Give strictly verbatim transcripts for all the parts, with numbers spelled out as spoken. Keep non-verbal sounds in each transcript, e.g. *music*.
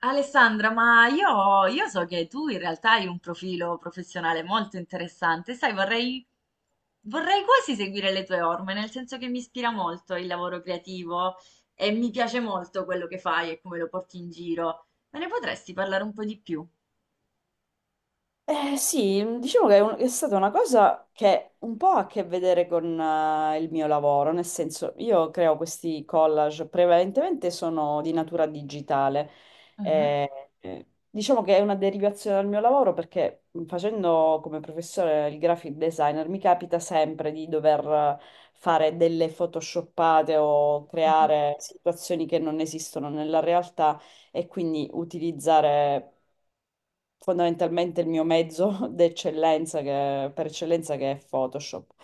Alessandra, ma io, io so che tu in realtà hai un profilo professionale molto interessante, sai, vorrei, vorrei quasi seguire le tue orme, nel senso che mi ispira molto il lavoro creativo e mi piace molto quello che fai e come lo porti in giro. Me ne potresti parlare un po' di più? Eh, sì, mm, diciamo che è, un- è stata una cosa che un po' ha a che vedere con eh, il mio lavoro, nel senso io creo questi collage, prevalentemente sono di natura digitale. Mhm, Eh, eh, diciamo che è una derivazione dal mio lavoro perché mm, facendo come professore il graphic designer mi capita sempre di dover fare delle photoshoppate o mhm. creare situazioni che non esistono nella realtà e quindi utilizzare fondamentalmente il mio mezzo *laughs* d'eccellenza che- per eccellenza che è Photoshop.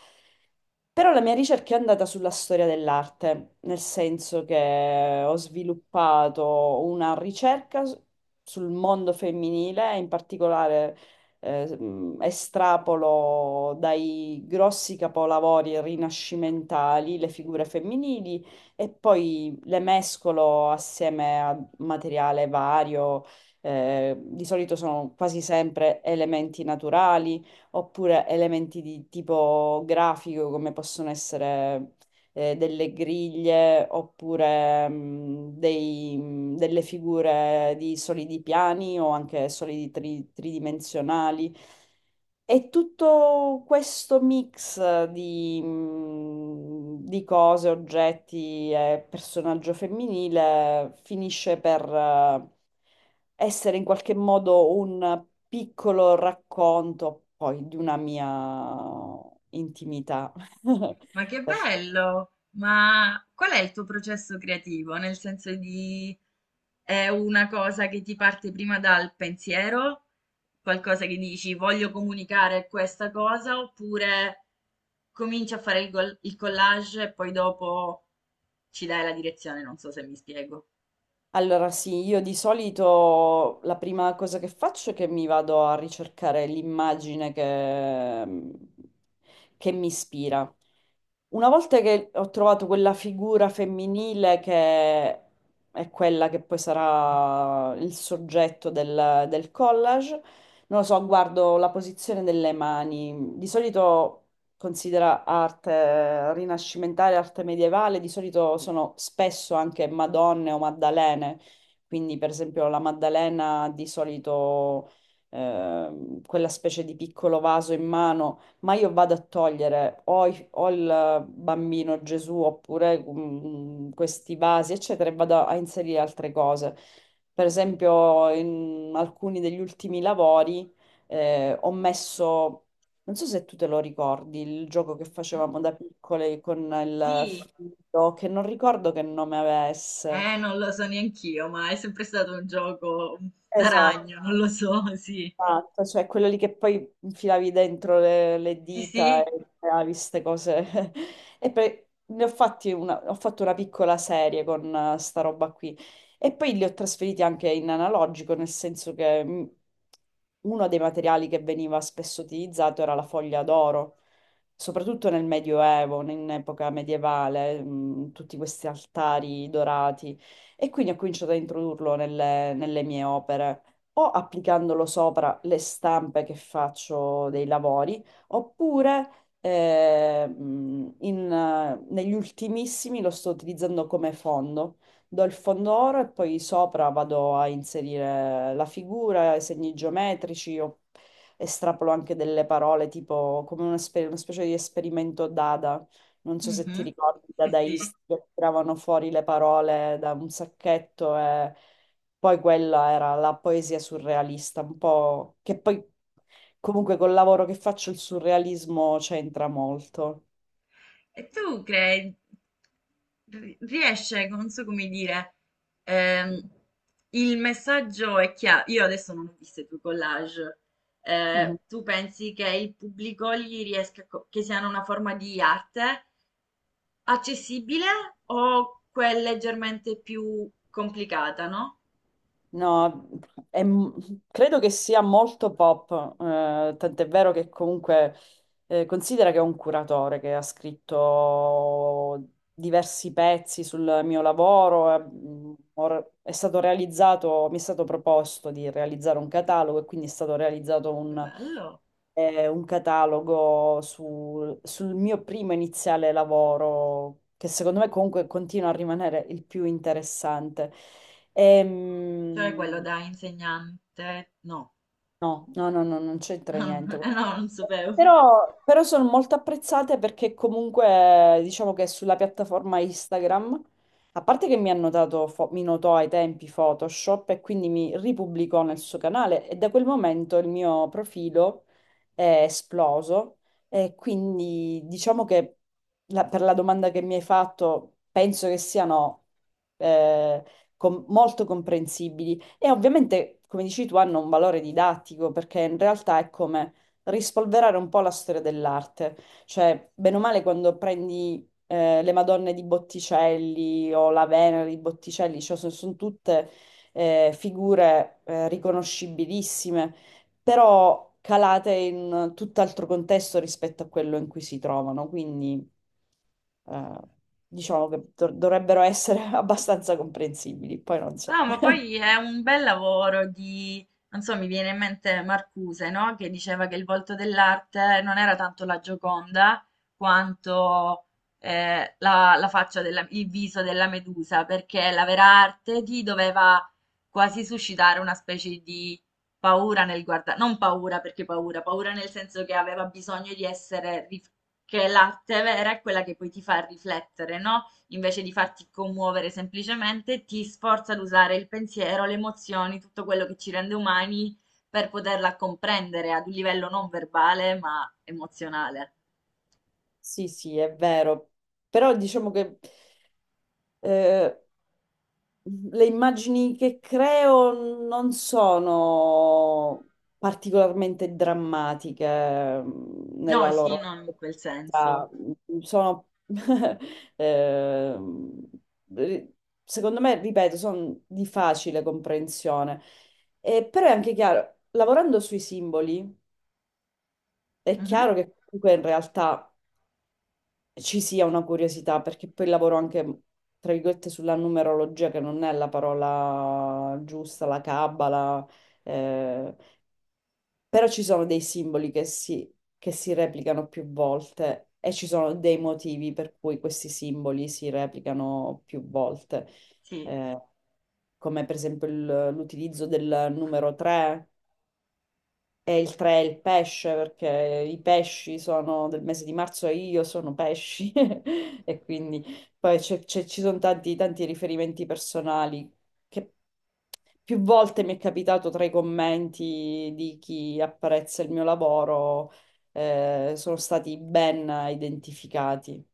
Però la mia ricerca è andata sulla storia dell'arte, nel senso che ho sviluppato una ricerca s- sul mondo femminile, in particolare eh, mh, estrapolo dai grossi capolavori rinascimentali le figure femminili e poi le mescolo assieme a materiale vario, eh, di solito sono quasi sempre elementi naturali oppure elementi di tipo grafico come possono essere eh, delle griglie oppure mh, dei- mh, delle figure di solidi piani o anche solidi tri- tridimensionali. È tutto questo mix di, mh, di cose, oggetti e personaggio femminile finisce per eh, essere in qualche modo un piccolo racconto poi di una mia intimità. *laughs* Ma che bello! Ma qual è il tuo processo creativo? Nel senso di è una cosa che ti parte prima dal pensiero, qualcosa che dici voglio comunicare questa cosa, oppure cominci a fare il, gol- il collage e poi dopo ci dai la direzione, non so se mi spiego. Allora sì, io di solito la prima cosa che faccio è che mi vado a ricercare l'immagine che, mm, che mi ispira. Una volta che ho trovato quella figura femminile che è quella che poi sarà il soggetto del, del collage, non lo so, guardo la posizione delle mani. Di solito considera arte eh, rinascimentale, arte medievale, di solito sono spesso anche Madonne o Maddalene, quindi per esempio la Maddalena di solito ehm, quella specie di piccolo vaso in mano, ma io vado a togliere o, i- o il bambino Gesù oppure mm, questi vasi, eccetera, e vado a inserire altre cose. Per esempio in alcuni degli ultimi lavori eh, ho messo, non so se tu te lo ricordi, il gioco che Mhm. facevamo da piccole con il Sì, filo, che non ricordo che nome avesse. eh, non lo so neanch'io, ma è sempre stato un gioco da Esatto. ragno, non lo so, sì. Esatto, cioè quello lì che poi infilavi dentro le, le Sì, dita sì. e creavi queste cose. *laughs* E poi ne ho fatti una, ho fatto una piccola serie con eh, sta roba qui. E poi li ho trasferiti anche in analogico, nel senso che mm, uno dei materiali che veniva spesso utilizzato era la foglia d'oro, soprattutto nel Medioevo, in epoca medievale, mm, tutti questi altari dorati. E quindi ho cominciato a introdurlo nelle nelle mie opere o applicandolo sopra le stampe che faccio dei lavori, oppure eh, mh, in, eh, negli ultimissimi lo sto utilizzando come fondo. Do il fondo oro e poi sopra vado a inserire la figura, i segni geometrici, o estrapolo anche delle parole, tipo come una, spe- una specie di esperimento Dada. Non so se ti Mhm. ricordi, i Sì, sì. dadaisti che tiravano fuori le parole da un sacchetto e poi quella era la poesia surrealista, un po' che poi comunque col lavoro che faccio il surrealismo c'entra molto. E tu crei, ri- riesce, non so come dire, ehm, il messaggio è chiaro. Io adesso non ho visto i tuoi collage. Mhm. Eh, tu pensi che il pubblico gli riesca, co- che siano una forma di arte accessibile o quel leggermente più complicata, no? No, è m- credo che sia molto pop, eh, tant'è vero che comunque eh, considera che è un curatore che ha scritto diversi pezzi sul mio lavoro, eh, mh, or- è stato realizzato, mi è stato proposto di realizzare un catalogo e quindi è stato realizzato Che bello! eh, un catalogo sul, sul mio primo iniziale lavoro, che secondo me comunque continua a rimanere il più interessante. Cioè quello Ehm, da insegnante, no, no, no, no, no, non *laughs* c'entra no, niente. non sapevo. Però, però sono molto apprezzate perché comunque diciamo che sulla piattaforma Instagram, a parte che mi hanno dato, fo- mi notò ai tempi Photoshop e quindi mi ripubblicò nel suo canale e da quel momento il mio profilo è esploso e quindi diciamo che la- per la domanda che mi hai fatto penso che siano eh, com- molto comprensibili e ovviamente come dici tu hanno un valore didattico perché in realtà è come rispolverare un po' la storia dell'arte. Cioè, bene o male, quando prendi eh, le Madonne di Botticelli o la Venere di Botticelli, cioè, sono, tutte eh, figure eh, riconoscibilissime, però calate in tutt'altro contesto rispetto a quello in cui si trovano. Quindi, eh, diciamo che dov- dovrebbero essere *laughs* abbastanza comprensibili. Poi non so. No, ma poi è un bel lavoro di, non so, mi viene in mente Marcuse, no? Che diceva che il volto dell'arte non era tanto la Gioconda quanto eh, la, la faccia della, il viso della Medusa, perché la vera arte ti doveva quasi suscitare una specie di paura nel guardare, non paura perché paura, paura nel senso che aveva bisogno di essere, rif- che l'arte vera è quella che poi ti fa riflettere, no? Invece di farti commuovere semplicemente, ti sforza ad usare il pensiero, le emozioni, tutto quello che ci rende umani per poterla comprendere ad un livello non verbale ma emozionale. Sì, sì, è vero. Però diciamo che eh, le immagini che creo non sono particolarmente drammatiche mm, No, nella sì, loro non in quel senso. effettività. Sono *laughs* ehm, ri- secondo me, ripeto, sono di facile comprensione. Eh, però è anche chiaro, lavorando sui simboli, è Mhm, chiaro che comunque in realtà ci sia una curiosità, perché poi lavoro anche, tra virgolette, sulla numerologia, che non è la parola giusta, la cabala, eh, però ci sono dei simboli che si, che si replicano più volte e ci sono dei motivi per cui questi simboli si replicano più volte, sì. eh, come per esempio il- l'utilizzo del numero tre e il tre è il pesce, perché i pesci sono del mese di marzo e io sono pesci, *laughs* e quindi poi c'è- c'è- ci sono tanti, tanti riferimenti personali che più volte mi è capitato tra i commenti di chi apprezza il mio lavoro, eh, sono stati ben identificati.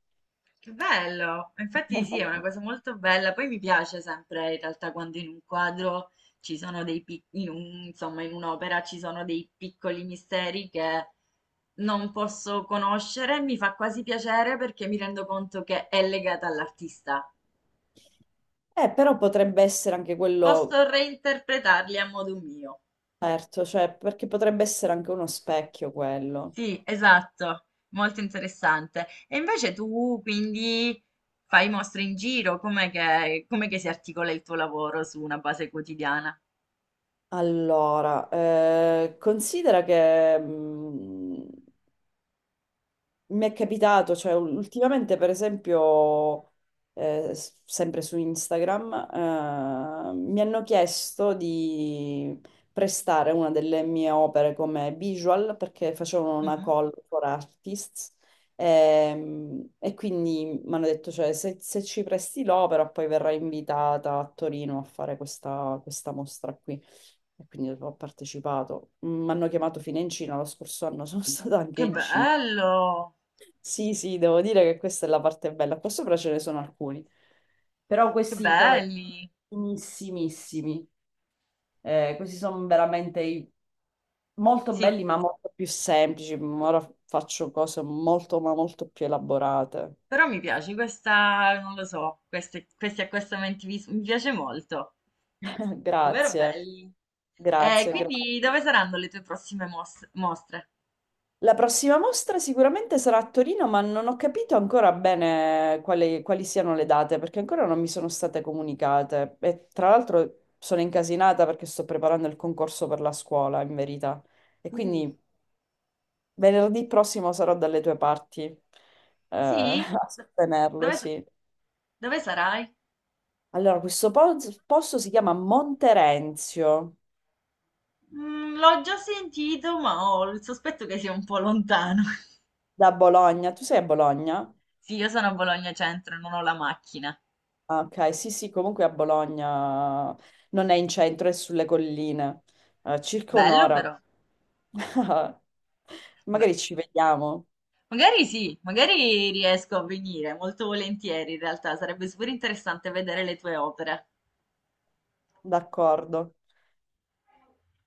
Che bello! Infatti sì, è una cosa *laughs* molto bella. Poi mi piace sempre in realtà quando in un quadro ci sono dei piccoli, in un- insomma, in un'opera ci sono dei piccoli misteri che non posso conoscere. Mi fa quasi piacere perché mi rendo conto che è legata all'artista. Eh, però potrebbe essere anche quello, Posso reinterpretarli a modo mio. certo, cioè, perché potrebbe essere anche uno specchio quello. Sì, esatto, molto interessante. E invece tu quindi fai mostre in giro, com'è che, com'è che si articola il tuo lavoro su una base quotidiana? Allora, eh, considera che mh, mi è capitato, cioè ul- ultimamente per esempio, eh, s- sempre su Instagram, eh, mi hanno chiesto di prestare una delle mie opere come visual perché facevano una Mhm. call for artists ehm, e, quindi mi hanno detto, cioè, se, se ci presti l'opera poi verrai invitata a Torino a fare questa, questa mostra qui. E quindi ho partecipato. Mi hanno chiamato fino in Cina, lo scorso anno sono *laughs* stata anche Che in Cina. bello, Sì, sì, devo dire che questa è la parte bella. Qua sopra ce ne sono alcuni. Però che questi sono i belli. finissimissimi. Eh, questi sono veramente i- molto Sì, belli, ma molto più semplici. Ma ora faccio cose molto, ma molto più elaborate. però mi piace questa, non lo so, queste, questi accostamenti vis- mi piace molto. *laughs* Davvero Grazie, belli. E grazie, grazie. quindi dove saranno le tue prossime mos- mostre? La prossima mostra sicuramente sarà a Torino, ma non ho capito ancora bene quali, quali siano le date, perché ancora non mi sono state comunicate. E tra l'altro sono incasinata perché sto preparando il concorso per la scuola, in verità. E Uh, quindi venerdì prossimo sarò dalle tue parti, eh, *laughs* Sì? a Do- sostenerlo, Dove, sa- sì. dove sarai? Allora, questo po- posto si chiama Monterenzio, Mm, l'ho già sentito, ma ho il sospetto che sia un po' lontano. *laughs* da Bologna. Tu sei a Bologna? Sì, io sono a Bologna Centro, non ho la macchina. Ah, ok, sì, sì, comunque a Bologna non è in centro, è sulle colline. Eh, circa Bello un'ora. però. *laughs* Beh. Magari ci vediamo, Magari sì, magari riesco a venire, molto volentieri in realtà, sarebbe super interessante vedere le tue opere. d'accordo.